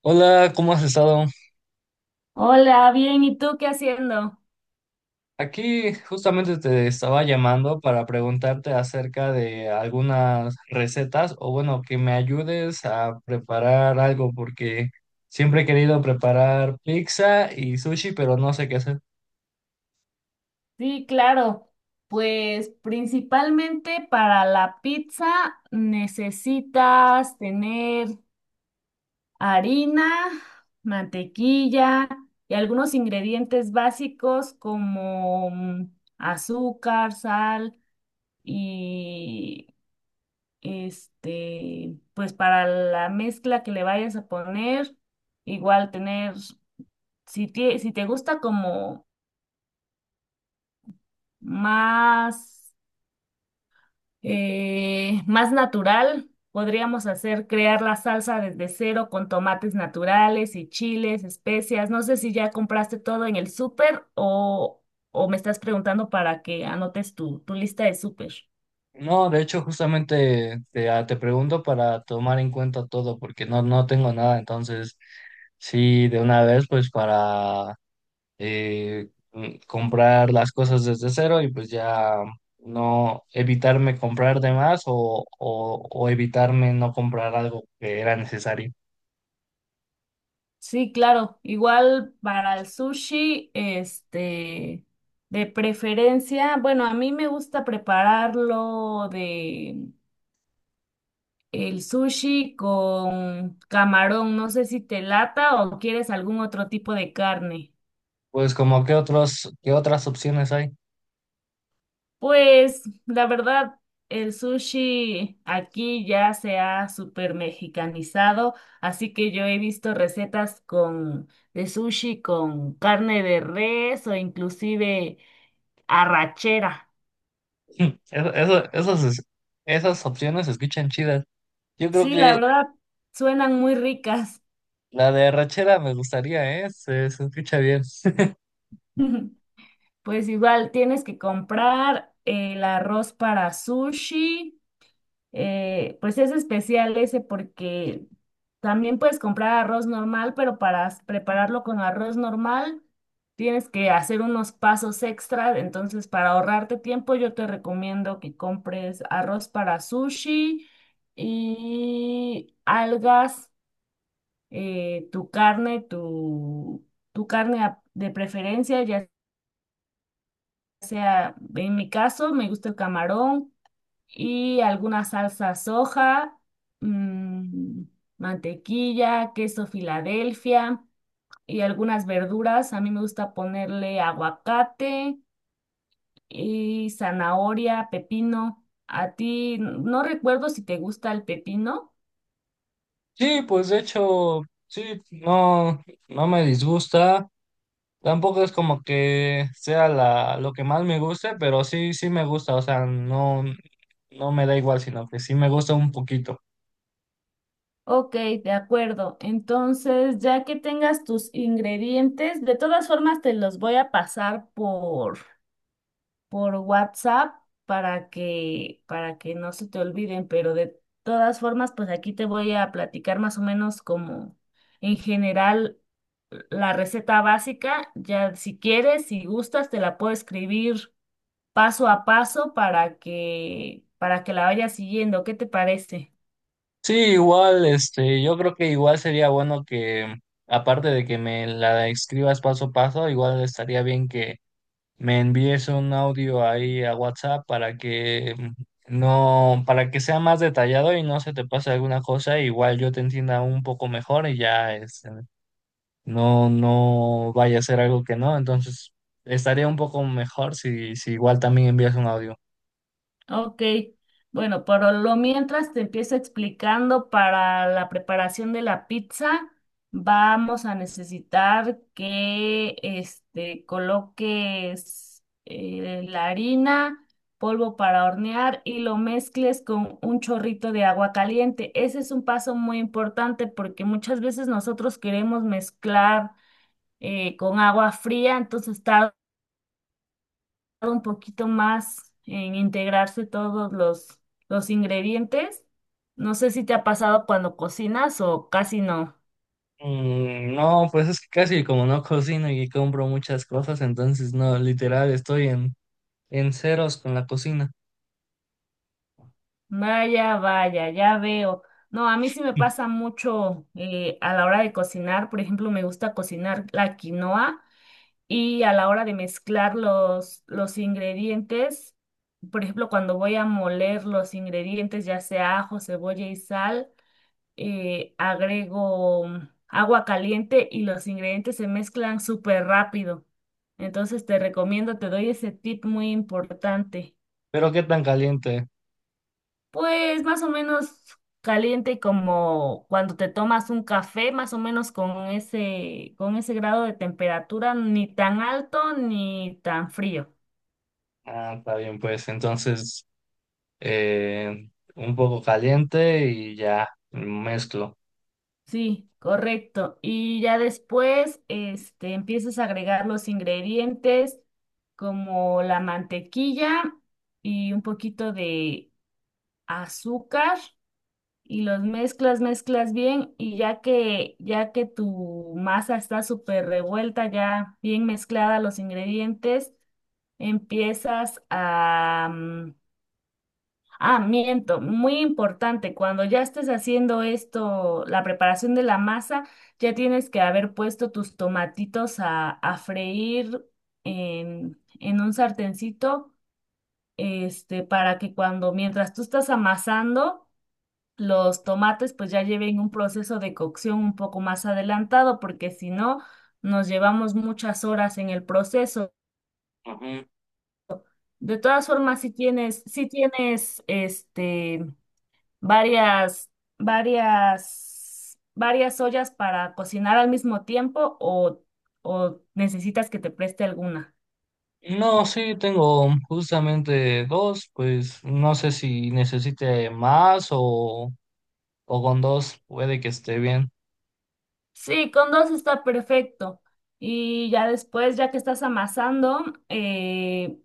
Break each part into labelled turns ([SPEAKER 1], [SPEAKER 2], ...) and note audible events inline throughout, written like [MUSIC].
[SPEAKER 1] Hola, ¿cómo has estado?
[SPEAKER 2] Hola, bien, ¿y tú qué haciendo?
[SPEAKER 1] Aquí justamente te estaba llamando para preguntarte acerca de algunas recetas o bueno, que me ayudes a preparar algo porque siempre he querido preparar pizza y sushi, pero no sé qué hacer.
[SPEAKER 2] Sí, claro. Pues principalmente para la pizza necesitas tener harina, mantequilla y algunos ingredientes básicos como azúcar, sal y pues para la mezcla que le vayas a poner, igual tener, si te gusta como más más natural. Podríamos hacer crear la salsa desde cero con tomates naturales y chiles, especias. No sé si ya compraste todo en el súper, o me estás preguntando para que anotes tu lista de súper.
[SPEAKER 1] No, de hecho justamente te, te pregunto para tomar en cuenta todo porque no tengo nada, entonces sí, de una vez pues para comprar las cosas desde cero y pues ya no evitarme comprar de más o evitarme no comprar algo que era necesario.
[SPEAKER 2] Sí, claro. Igual para el sushi, de preferencia, bueno, a mí me gusta prepararlo de el sushi con camarón. No sé si te lata o quieres algún otro tipo de carne.
[SPEAKER 1] Pues como qué otros, qué otras opciones hay. [LAUGHS]
[SPEAKER 2] Pues la verdad, el sushi aquí ya se ha super mexicanizado, así que yo he visto recetas con de sushi con carne de res o inclusive arrachera.
[SPEAKER 1] Mm, Eso, eso- esas, es- Esas opciones se escuchan chidas. Yo creo
[SPEAKER 2] Sí, la
[SPEAKER 1] que
[SPEAKER 2] verdad, suenan muy ricas.
[SPEAKER 1] la de arrachera me gustaría, ¿eh? Se escucha bien. [LAUGHS]
[SPEAKER 2] [LAUGHS] Pues igual tienes que comprar el arroz para sushi. Pues es especial ese porque también puedes comprar arroz normal, pero para prepararlo con arroz normal tienes que hacer unos pasos extra. Entonces, para ahorrarte tiempo, yo te recomiendo que compres arroz para sushi y algas, tu carne, tu carne de preferencia, ya sea, en mi caso, me gusta el camarón y alguna salsa soja, mm, mantequilla, queso Filadelfia y algunas verduras. A mí me gusta ponerle aguacate y zanahoria, pepino. A ti no recuerdo si te gusta el pepino.
[SPEAKER 1] Sí, pues de hecho, sí, no, no me disgusta. Tampoco es como que sea lo que más me guste, pero sí, sí me gusta, o sea, no, no me da igual, sino que sí me gusta un poquito.
[SPEAKER 2] Ok, de acuerdo. Entonces, ya que tengas tus ingredientes, de todas formas te los voy a pasar por WhatsApp para que, no se te olviden, pero de todas formas, pues aquí te voy a platicar más o menos como en general la receta básica. Ya si quieres, si gustas, te la puedo escribir paso a paso para que la vayas siguiendo. ¿Qué te parece?
[SPEAKER 1] Sí, igual, este, yo creo que igual sería bueno que, aparte de que me la escribas paso a paso, igual estaría bien que me envíes un audio ahí a WhatsApp para que mm, no, para que sea más detallado y no se te pase alguna cosa, igual yo te entienda un poco mejor y ya, es no vaya a ser algo que no, entonces estaría un poco mejor si igual también envías un audio.
[SPEAKER 2] Ok, bueno, pero lo mientras te empiezo explicando para la preparación de la pizza, vamos a necesitar que coloques la harina, polvo para hornear y lo mezcles con un chorrito de agua caliente. Ese es un paso muy importante porque muchas veces nosotros queremos mezclar con agua fría, entonces tarda un poquito más en integrarse todos los ingredientes. No sé si te ha pasado cuando cocinas o casi no.
[SPEAKER 1] Mm, no, pues es que casi como no cocino y compro muchas cosas, entonces no, literal estoy en ceros con la cocina.
[SPEAKER 2] Vaya, vaya, ya veo. No, a mí sí me
[SPEAKER 1] [LAUGHS]
[SPEAKER 2] pasa mucho a la hora de cocinar. Por ejemplo, me gusta cocinar la quinoa y a la hora de mezclar los ingredientes, por ejemplo, cuando voy a moler los ingredientes, ya sea ajo, cebolla y sal. Agrego agua caliente y los ingredientes se mezclan súper rápido. Entonces te recomiendo, te doy ese tip muy importante.
[SPEAKER 1] Pero qué tan caliente.
[SPEAKER 2] Pues más o menos caliente como cuando te tomas un café, más o menos con ese, grado de temperatura, ni tan alto ni tan frío.
[SPEAKER 1] Ah, está bien, pues entonces eh, un poco caliente y ya mezclo.
[SPEAKER 2] Sí, correcto. Y ya después, empiezas a agregar los ingredientes como la mantequilla y un poquito de azúcar y los mezclas bien, y ya que tu masa está súper revuelta, ya bien mezclada los ingredientes, empiezas a mm, ah, miento, muy importante, cuando ya estés haciendo esto, la preparación de la masa, ya tienes que haber puesto tus tomatitos a freír en un sartencito, para que cuando, mientras tú estás amasando, los tomates pues ya lleven un proceso de cocción un poco más adelantado, porque si no, nos llevamos muchas horas en el proceso.
[SPEAKER 1] Ujú.
[SPEAKER 2] De todas formas, si tienes, si tienes, varias, varias ollas para cocinar al mismo tiempo o necesitas que te preste alguna?
[SPEAKER 1] No, sí, tengo justamente dos, pues no sé si necesite más o con dos puede que esté bien.
[SPEAKER 2] Sí, con dos está perfecto. Y ya después, ya que estás amasando, eh,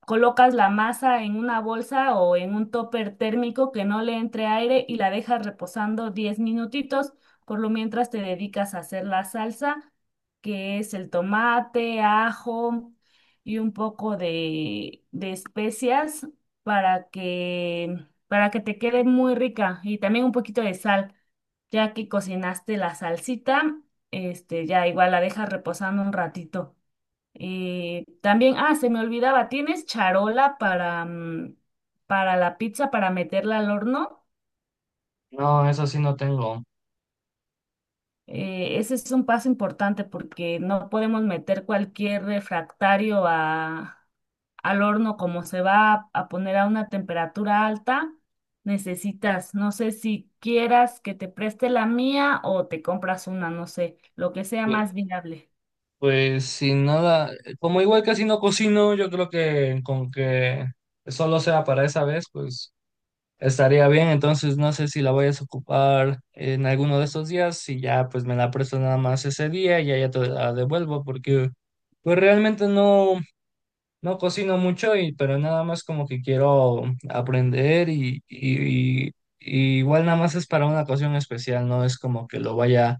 [SPEAKER 2] colocas la masa en una bolsa o en un topper térmico que no le entre aire y la dejas reposando 10 minutitos. Por lo mientras te dedicas a hacer la salsa, que es el tomate, ajo y un poco de especias para que, para que te quede muy rica y también un poquito de sal. Ya que cocinaste la salsita, ya igual la dejas reposando un ratito. También, ah, se me olvidaba, ¿tienes charola para la pizza, para meterla al horno?
[SPEAKER 1] No, eso sí no tengo.
[SPEAKER 2] Ese es un paso importante porque no podemos meter cualquier refractario al horno, como se va a poner a una temperatura alta. Necesitas, no sé si quieras que te preste la mía o te compras una, no sé, lo que sea
[SPEAKER 1] Pues,
[SPEAKER 2] más viable.
[SPEAKER 1] pues sin nada, como igual casi no cocino, yo creo que con que solo sea para esa vez, pues estaría bien. Entonces no sé si la voy a ocupar en alguno de estos días, si ya pues me la presto nada más ese día y ya, ya te la devuelvo, porque pues realmente no. No cocino mucho, y, pero nada más como que quiero aprender y igual nada más es para una ocasión especial, no es como que lo vaya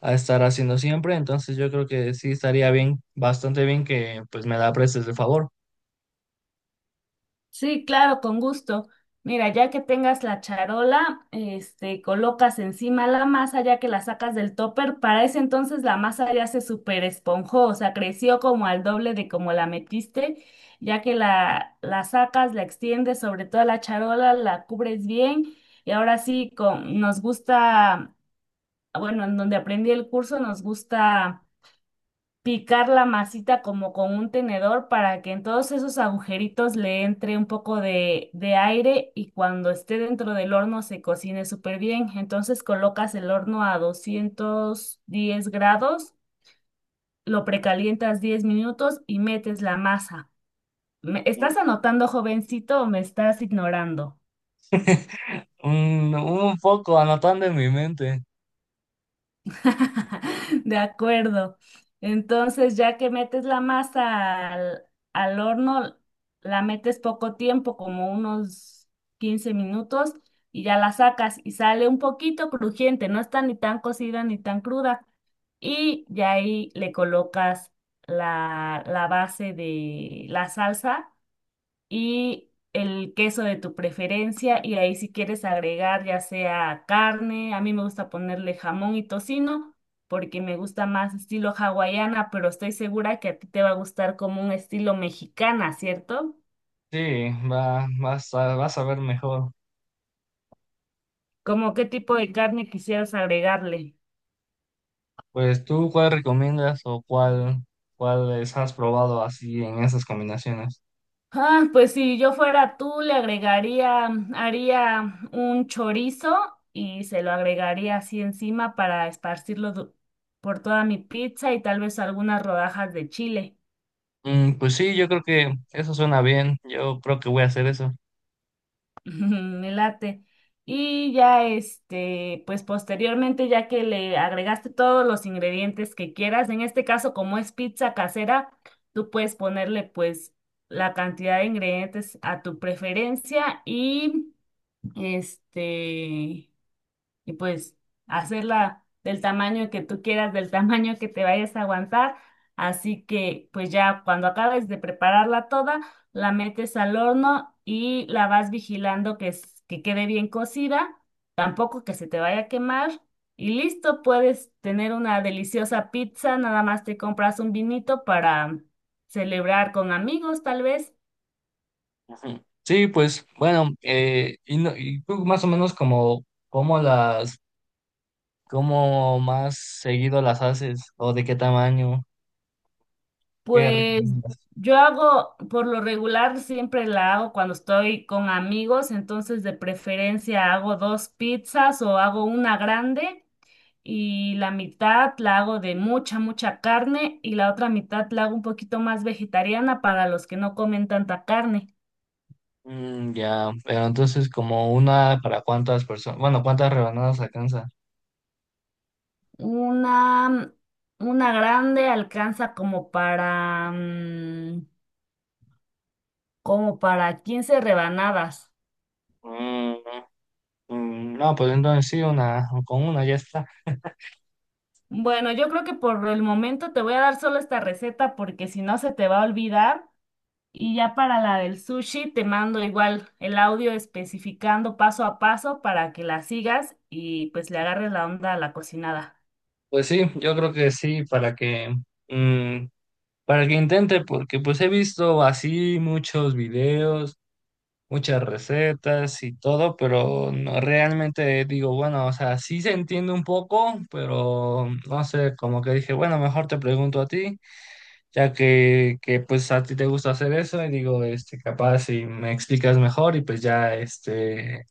[SPEAKER 1] a estar haciendo siempre, entonces yo creo que sí estaría bien, bastante bien que pues me la prestes de favor.
[SPEAKER 2] Sí, claro, con gusto. Mira, ya que tengas la charola, colocas encima la masa ya que la sacas del topper. Para ese entonces la masa ya se super esponjó, o sea, creció como al doble de como la metiste. Ya que la sacas, la extiendes sobre toda la charola, la cubres bien. Y ahora sí, bueno, en donde aprendí el curso, nos gusta picar la masita como con un tenedor para que en todos esos agujeritos le entre un poco de aire y cuando esté dentro del horno se cocine súper bien. Entonces colocas el horno a 210 grados, lo precalientas 10 minutos y metes la masa. ¿Me estás anotando, jovencito, o me estás ignorando?
[SPEAKER 1] [LAUGHS] Un poco anotando en mi mente.
[SPEAKER 2] [LAUGHS] De acuerdo. Entonces, ya que metes la masa al horno, la metes poco tiempo, como unos 15 minutos, y ya la sacas y sale un poquito crujiente, no está ni tan cocida ni tan cruda. Y ya ahí le colocas la base de la salsa y el queso de tu preferencia, y ahí si quieres agregar ya sea carne, a mí me gusta ponerle jamón y tocino porque me gusta más estilo hawaiana, pero estoy segura que a ti te va a gustar como un estilo mexicana, ¿cierto?
[SPEAKER 1] Sí, va, vas a ver mejor.
[SPEAKER 2] ¿Cómo qué tipo de carne quisieras agregarle?
[SPEAKER 1] Pues tú, ¿cuál recomiendas o cuál, cuáles has probado así en esas combinaciones?
[SPEAKER 2] Ah, pues si yo fuera tú, haría un chorizo y se lo agregaría así encima para esparcirlo por toda mi pizza, y tal vez algunas rodajas de chile.
[SPEAKER 1] Mm, pues sí, yo creo que eso suena bien. Yo creo que voy a hacer eso.
[SPEAKER 2] [LAUGHS] Me late. Y ya pues posteriormente, ya que le agregaste todos los ingredientes que quieras, en este caso, como es pizza casera, tú puedes ponerle pues la cantidad de ingredientes a tu preferencia, y este, pues hacerla del tamaño que tú quieras, del [LAUGHS] tamaño que te vayas a aguantar. Así que pues ya cuando acabes de prepararla toda, la metes al horno y la vas vigilando que, que quede bien cocida, tampoco que se te vaya a quemar. Y listo, puedes tener una deliciosa pizza, nada más te compras un vinito para celebrar con amigos, tal vez.
[SPEAKER 1] Ujú. Sí, pues bueno, y, no- y tú más o menos como cómo más seguido las haces o de qué tamaño, qué
[SPEAKER 2] Pues
[SPEAKER 1] recomiendas.
[SPEAKER 2] yo hago, por lo regular, siempre la hago cuando estoy con amigos, entonces de preferencia hago dos pizzas o hago una grande y la mitad la hago de mucha, mucha carne y la otra mitad la hago un poquito más vegetariana para los que no comen tanta carne.
[SPEAKER 1] Mm, ya, pero entonces como una para cuántas personas, bueno, cuántas rebanadas alcanza.
[SPEAKER 2] Una, una grande alcanza como para 15 rebanadas.
[SPEAKER 1] Mm, mm, no, pues entonces sí, una, con una ya está.
[SPEAKER 2] Bueno, yo creo que por el momento te voy a dar solo esta receta porque si no se te va a olvidar. Y ya para la del sushi te mando igual el audio especificando paso a paso para que la sigas y pues le agarres la onda a la cocinada.
[SPEAKER 1] Pues sí, yo creo que sí, para que mm, para que intente, porque pues he visto así muchos videos, muchas recetas y todo, pero no realmente digo, bueno, o sea, sí se entiende un poco, pero no sé, como que dije, bueno, mejor te pregunto a ti, ya que pues a ti te gusta hacer eso, y digo, este, capaz si me explicas mejor y pues ya, este,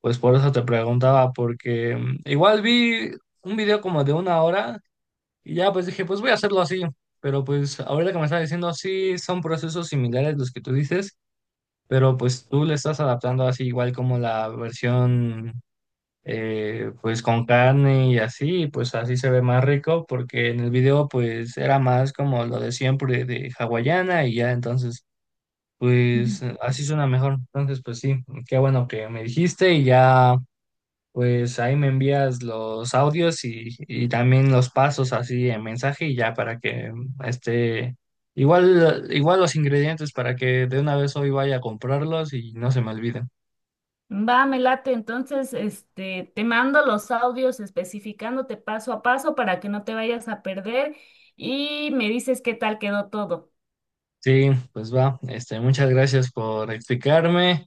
[SPEAKER 1] pues por eso te preguntaba, porque igual vi un video como de 1 hora. Y ya pues dije, pues voy a hacerlo así. Pero pues ahorita que me estás diciendo, sí, son procesos similares los que tú dices, pero pues tú le estás adaptando así igual como la versión pues con carne y así, y, pues así se ve más rico porque en el video pues era más como lo de siempre de hawaiana y ya entonces
[SPEAKER 2] Ujú.
[SPEAKER 1] pues así suena mejor. Entonces pues sí, qué bueno que me dijiste y ya pues ahí me envías los audios y también los pasos así en mensaje y ya para que este igual los ingredientes para que de una vez hoy vaya a comprarlos y no se me olviden.
[SPEAKER 2] Va, me late. Entonces, te mando los audios especificándote paso a paso para que no te vayas a perder y me dices qué tal quedó todo.
[SPEAKER 1] Sí, pues va. Este, muchas gracias por explicarme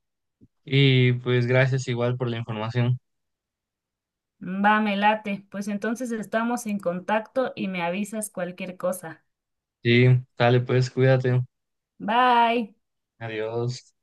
[SPEAKER 1] y pues gracias igual por la información.
[SPEAKER 2] Va, me late. Pues entonces estamos en contacto y me avisas cualquier cosa.
[SPEAKER 1] Sí, dale pues, cuídate.
[SPEAKER 2] Bye.
[SPEAKER 1] Adiós.